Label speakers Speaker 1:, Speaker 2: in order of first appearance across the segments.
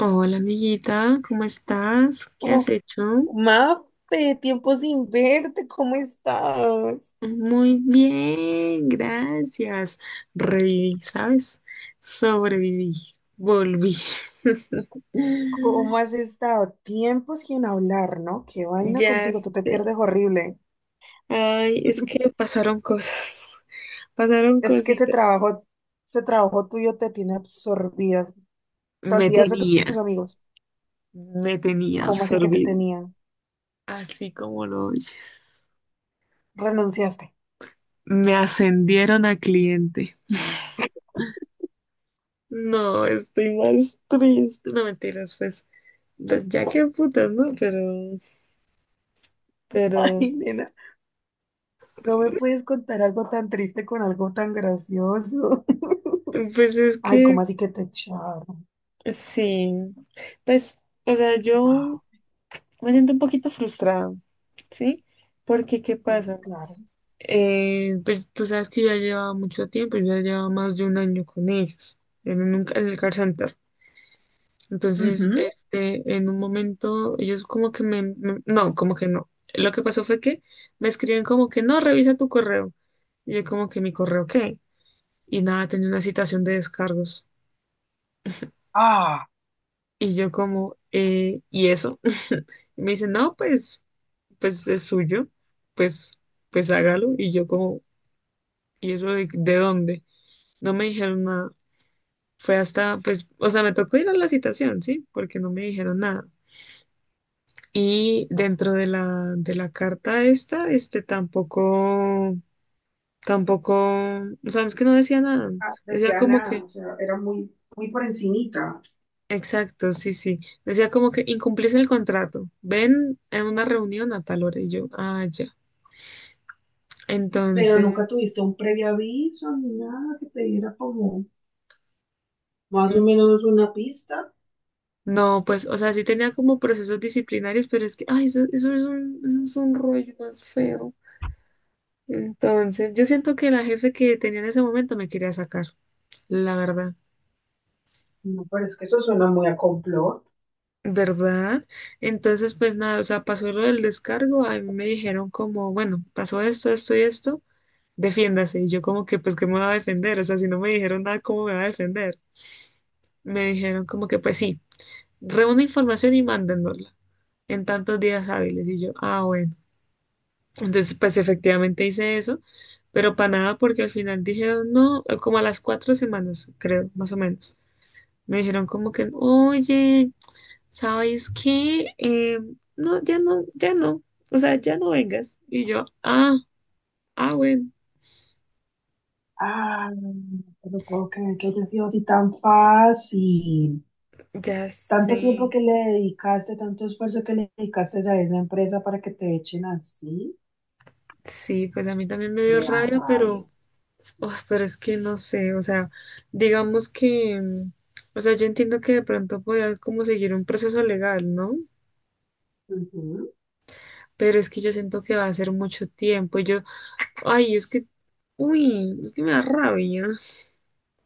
Speaker 1: Hola amiguita, ¿cómo estás? ¿Qué has
Speaker 2: Oh,
Speaker 1: hecho?
Speaker 2: Mafe, tiempo sin verte, ¿cómo estás?
Speaker 1: Muy bien, gracias. Reviví, ¿sabes? Sobreviví, volví.
Speaker 2: ¿Cómo has estado? Tiempo sin hablar, ¿no? Qué vaina
Speaker 1: Ya
Speaker 2: contigo, tú te
Speaker 1: sé.
Speaker 2: pierdes horrible.
Speaker 1: Ay, es que pasaron cosas, pasaron
Speaker 2: Es que
Speaker 1: cositas.
Speaker 2: ese trabajo tuyo te tiene absorbida. Te
Speaker 1: Me
Speaker 2: olvidas de
Speaker 1: tenía,
Speaker 2: tus amigos.
Speaker 1: Me tenía
Speaker 2: ¿Cómo así que te
Speaker 1: absorbido,
Speaker 2: tenían?
Speaker 1: así como lo oyes.
Speaker 2: Renunciaste.
Speaker 1: Me ascendieron a cliente. No, estoy más triste. No mentiras, fue. Pues ya que putas, ¿no? Pero, pero,
Speaker 2: Ay, nena, no me puedes contar algo tan triste con algo tan gracioso.
Speaker 1: pues es
Speaker 2: Ay,
Speaker 1: que
Speaker 2: ¿cómo así que te echaron?
Speaker 1: sí. Pues, o sea, yo
Speaker 2: Ah,
Speaker 1: me siento un poquito frustrada, ¿sí? Porque, ¿qué
Speaker 2: por
Speaker 1: pasa?
Speaker 2: claro.
Speaker 1: Pues tú sabes que yo ya llevaba más de un año con ellos, en el car center. Entonces,
Speaker 2: Ujú.
Speaker 1: en un momento, ellos como que no, como que no. Lo que pasó fue que me escriben como que no, revisa tu correo. Y yo como que mi correo, ¿qué? Y nada, tenía una citación de descargos.
Speaker 2: Ah,
Speaker 1: Y yo como, ¿y eso? Y me dice, no, pues, pues es suyo, pues, pues hágalo. Y yo como, ¿y eso de dónde? No me dijeron nada. Fue hasta, pues, o sea, me tocó ir a la citación, ¿sí? Porque no me dijeron nada. Y dentro de la carta esta, este tampoco, o sea, es que no decía nada. Decía
Speaker 2: decía
Speaker 1: como
Speaker 2: nada,
Speaker 1: que.
Speaker 2: o sea, era muy, muy por encimita.
Speaker 1: Exacto, sí, sí. Decía como que incumplís el contrato. Ven en una reunión a tal hora y yo, ah, ya.
Speaker 2: Pero
Speaker 1: Entonces,
Speaker 2: nunca tuviste un previo aviso ni nada que te diera como más o menos una pista.
Speaker 1: no, pues, o sea, sí tenía como procesos disciplinarios, pero es que, ay, eso es un rollo más feo. Entonces, yo siento que la jefe que tenía en ese momento me quería sacar, la verdad.
Speaker 2: No, pero es que eso suena muy a complot.
Speaker 1: ¿Verdad? Entonces, pues nada, o sea, pasó lo del descargo, a mí me dijeron como, bueno, pasó esto, esto y esto. Defiéndase. Y yo como que, pues, ¿qué me va a defender? O sea, si no me dijeron nada, ¿cómo me va a defender? Me dijeron como que, pues sí, reúne información y mándennosla en tantos días hábiles. Y yo, ah, bueno. Entonces, pues efectivamente hice eso, pero para nada porque al final dijeron, no, como a las 4 semanas, creo, más o menos. Me dijeron como que, oye, ¿sabes qué? No, ya no. O sea, ya no vengas. Y yo, ah, ah, bueno,
Speaker 2: Ah, pero puedo creer que haya sido así tan fácil.
Speaker 1: ya sé.
Speaker 2: Tanto tiempo que le dedicaste, tanto esfuerzo que le dedicaste a esa empresa para que te echen así,
Speaker 1: Sí, pues a mí también me dio
Speaker 2: me da
Speaker 1: rabia,
Speaker 2: rabia.
Speaker 1: pero, oh, pero es que no sé, o sea, digamos que, o sea, yo entiendo que de pronto pueda como seguir un proceso legal, ¿no?
Speaker 2: Ujú.
Speaker 1: Pero es que yo siento que va a ser mucho tiempo. Yo, ay, es que, uy, es que me da rabia.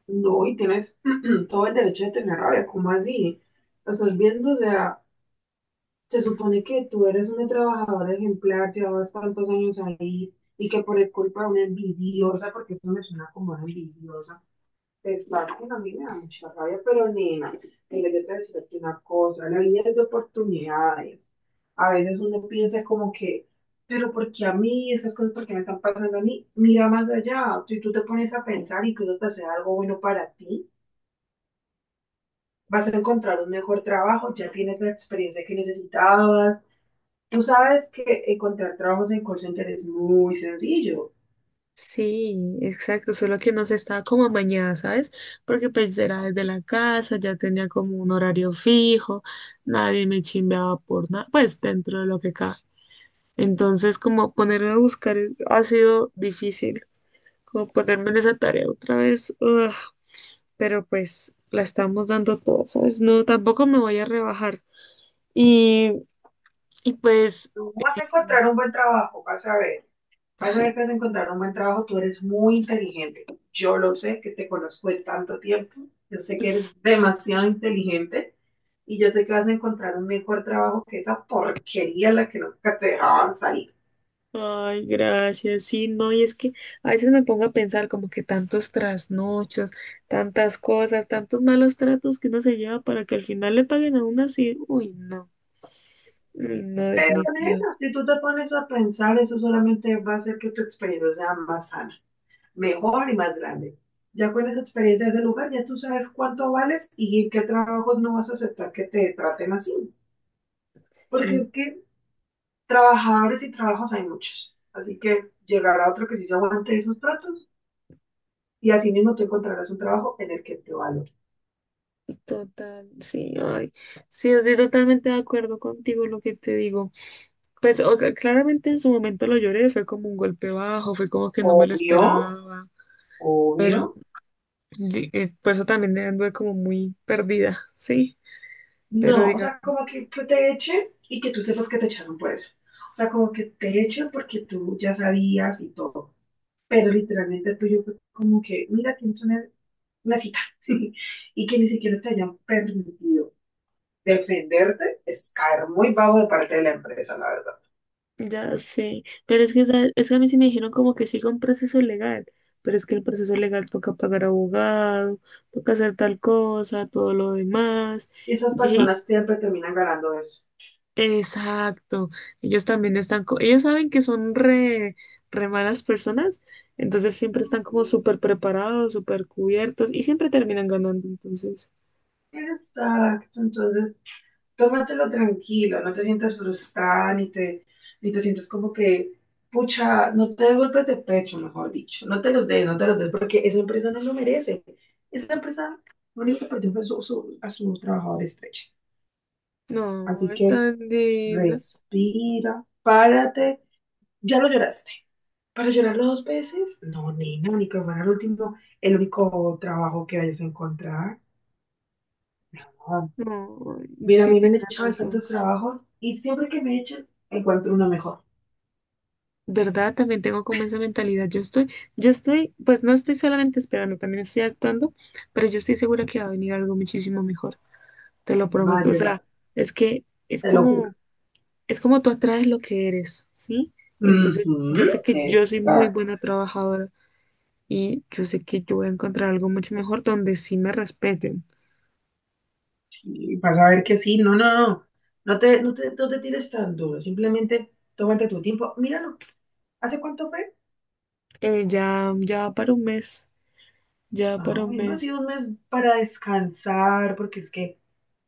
Speaker 2: No, y tienes todo el derecho de tener rabia, ¿cómo así? Lo estás viendo, o sea, se supone que tú eres una trabajadora ejemplar, llevabas tantos años ahí y que por el culpa de una envidiosa, porque eso me suena como una envidiosa, te que a mí me da mucha rabia, pero nena, mira, yo te voy a decir aquí una cosa, la vida es de oportunidades. A veces uno piensa como que, pero ¿por qué a mí? Esas cosas, ¿por qué me están pasando a mí? Mira más allá, si tú te pones a pensar, incluso hasta sea algo bueno para ti, vas a encontrar un mejor trabajo, ya tienes la experiencia que necesitabas. Tú sabes que encontrar trabajos en call center es muy sencillo.
Speaker 1: Sí, exacto, solo que no se estaba como amañada, ¿sabes? Porque pues era desde la casa, ya tenía como un horario fijo, nadie me chimbeaba por nada, pues dentro de lo que cabe. Entonces, como ponerme a buscar es- ha sido difícil, como ponerme en esa tarea otra vez, ugh, pero pues la estamos dando todas, ¿sabes? No, tampoco me voy a rebajar. Y, y pues,
Speaker 2: Tú vas a encontrar un buen trabajo, vas a ver. Vas a
Speaker 1: ay,
Speaker 2: ver que vas a encontrar un buen trabajo. Tú eres muy inteligente. Yo lo sé, que te conozco de tanto tiempo. Yo sé que eres demasiado inteligente y yo sé que vas a encontrar un mejor trabajo que esa porquería en la que nunca te dejaban salir.
Speaker 1: ay, gracias, sí, no, y es que a veces me pongo a pensar como que tantos trasnochos, tantas cosas, tantos malos tratos que uno se lleva para que al final le paguen a uno así, uy, no,
Speaker 2: Pero
Speaker 1: definitivo.
Speaker 2: nena, si tú te pones a pensar, eso solamente va a hacer que tu experiencia sea más sana, mejor y más grande. Ya con esa experiencia de lugar, ya tú sabes cuánto vales y en qué trabajos no vas a aceptar que te traten así. Porque es que trabajadores y trabajos hay muchos. Así que llegará otro que sí se aguante esos tratos y así mismo tú encontrarás un trabajo en el que te valore.
Speaker 1: Total, sí, ay, sí, estoy totalmente de acuerdo contigo lo que te digo. Pues o sea, claramente en su momento lo lloré, fue como un golpe bajo, fue como que no me lo
Speaker 2: Obvio,
Speaker 1: esperaba,
Speaker 2: obvio.
Speaker 1: pero por eso también anduve como muy perdida, sí, pero
Speaker 2: No, o
Speaker 1: digamos,
Speaker 2: sea, como que te echen y que tú sepas que te echaron por eso. O sea, como que te echen porque tú ya sabías y todo. Pero literalmente el tuyo fue como que, mira, tienes una cita. Y que ni siquiera te hayan permitido defenderte es caer muy bajo de parte de la empresa, la verdad.
Speaker 1: ya sé, pero es que, ¿sabes? Es que a mí sí me dijeron como que siga un proceso legal, pero es que el proceso legal toca pagar abogado, toca hacer tal cosa, todo lo demás.
Speaker 2: Y esas personas siempre terminan ganando eso.
Speaker 1: Exacto. Ellos también están, ellos saben que son re malas personas, entonces siempre están como súper preparados, súper cubiertos y siempre terminan ganando. Entonces,
Speaker 2: Exacto, entonces, tómatelo tranquilo, no te sientas frustrada, ni te sientas como que, pucha, no te des golpes de pecho, mejor dicho, no te los des, no te los des, porque esa empresa no lo merece. Esa empresa lo único que perdió fue a su trabajador estrecha.
Speaker 1: no,
Speaker 2: Así
Speaker 1: ay,
Speaker 2: que
Speaker 1: tan linda.
Speaker 2: respira, párate, ya lo lloraste. ¿Para llorarlo dos veces? No, nena, ni que fuera el último, el único trabajo que vayas a encontrar.
Speaker 1: No,
Speaker 2: Mira, a
Speaker 1: sí,
Speaker 2: mí me han
Speaker 1: tienes
Speaker 2: echado de
Speaker 1: razón.
Speaker 2: tantos trabajos y siempre que me echan, encuentro uno mejor.
Speaker 1: ¿Verdad? También tengo como esa mentalidad. Yo estoy, pues no estoy solamente esperando, también estoy actuando, pero yo estoy segura que va a venir algo muchísimo mejor. Te lo
Speaker 2: Va a
Speaker 1: prometo. O
Speaker 2: llegar,
Speaker 1: sea, es que es
Speaker 2: te lo juro.
Speaker 1: como es como tú atraes lo que eres, ¿sí? Entonces, yo sé
Speaker 2: Ujú,
Speaker 1: que yo soy muy
Speaker 2: exacto.
Speaker 1: buena trabajadora y yo sé que yo voy a encontrar algo mucho mejor donde sí me respeten.
Speaker 2: Y vas a ver que sí, no, no, no. No te tires tan duro, simplemente tómate tu tiempo. Míralo, ¿hace cuánto fue?
Speaker 1: Ya, ya va para un mes, ya va para
Speaker 2: No,
Speaker 1: un
Speaker 2: bueno, ha
Speaker 1: mes.
Speaker 2: sido un mes para descansar, porque es que,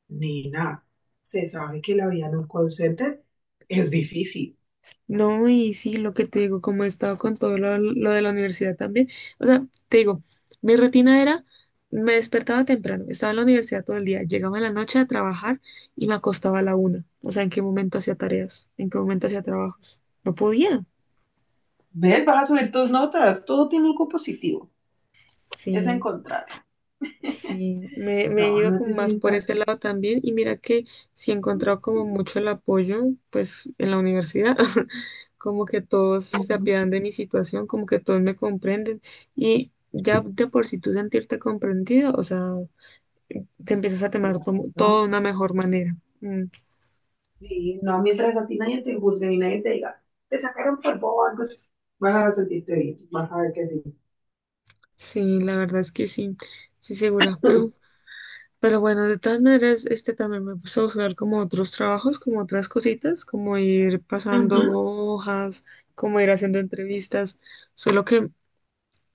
Speaker 2: nena, se sabe que la vida en un call center es difícil.
Speaker 1: No, y sí, lo que te digo, como he estado con todo lo de la universidad también, o sea, te digo, mi rutina era, me despertaba temprano, estaba en la universidad todo el día, llegaba en la noche a trabajar y me acostaba a la una. O sea, ¿en qué momento hacía tareas? ¿En qué momento hacía trabajos? No podía.
Speaker 2: ¿Ves? Vas a subir tus notas. Todo tiene algo positivo. Es
Speaker 1: Sí.
Speaker 2: encontrar.
Speaker 1: Sí, me he
Speaker 2: No,
Speaker 1: ido
Speaker 2: no
Speaker 1: como
Speaker 2: te
Speaker 1: más por
Speaker 2: sientas
Speaker 1: ese
Speaker 2: mal.
Speaker 1: lado también y mira que sí he encontrado como mucho el apoyo pues en la universidad, como que todos se
Speaker 2: Ujú.
Speaker 1: apiadan de mi situación, como que todos me comprenden y ya de por sí tú sentirte comprendido, o sea, te empiezas a tomar todo
Speaker 2: ¿No?
Speaker 1: de una mejor manera. Mm,
Speaker 2: Sí, no, mientras a ti nadie te juzgue y nadie te diga, te sacaron por bobo, algo así, vas a sentirte bien, vas a ver que sí.
Speaker 1: sí, la verdad es que sí, sí segura, pero. Pero bueno, de todas maneras, este también me puse a buscar como otros trabajos, como otras cositas, como ir pasando
Speaker 2: Ujú.
Speaker 1: hojas, como ir haciendo entrevistas, solo que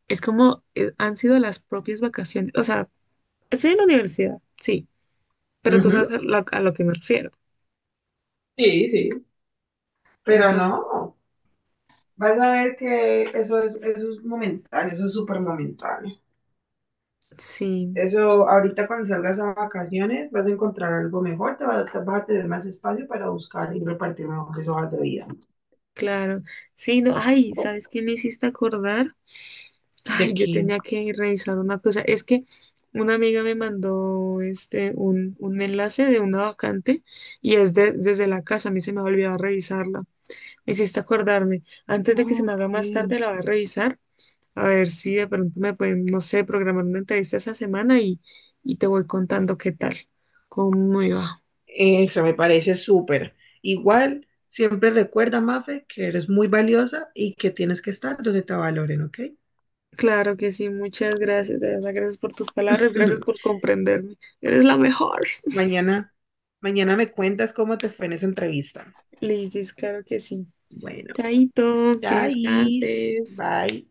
Speaker 1: es como han sido las propias vacaciones, o sea, estoy en la universidad, sí, pero tú sabes
Speaker 2: Ujú,
Speaker 1: a lo que me refiero.
Speaker 2: sí, sí, pero
Speaker 1: Entonces,
Speaker 2: no, vas a ver que eso es momentáneo, eso es súper momentáneo.
Speaker 1: sí,
Speaker 2: Eso, ahorita cuando salgas a vacaciones vas a encontrar algo mejor, vas a tener más espacio para buscar y repartir mejores hojas de vida.
Speaker 1: claro. Sí, no, ay, ¿sabes qué me hiciste acordar?
Speaker 2: ¿De
Speaker 1: Ay, yo
Speaker 2: quién?
Speaker 1: tenía que revisar una cosa. Es que una amiga me mandó este un enlace de una vacante y es desde la casa. A mí se me ha olvidado revisarla. Me hiciste acordarme. Antes
Speaker 2: Ah,
Speaker 1: de que se me haga más
Speaker 2: ok.
Speaker 1: tarde, la voy a revisar. A ver si de pronto me pueden, no sé, programar una entrevista esa semana y te voy contando qué tal, cómo iba.
Speaker 2: Eso me parece súper. Igual, siempre recuerda, Mafe, que eres muy valiosa y que tienes que estar donde te valoren, ¿ok?
Speaker 1: Claro que sí, muchas gracias. De verdad, gracias por tus palabras, gracias por comprenderme. Eres la mejor.
Speaker 2: Mañana, mañana me cuentas cómo te fue en esa entrevista.
Speaker 1: Liz, claro que sí.
Speaker 2: Bueno,
Speaker 1: Chaito, que
Speaker 2: chais,
Speaker 1: descanses.
Speaker 2: bye.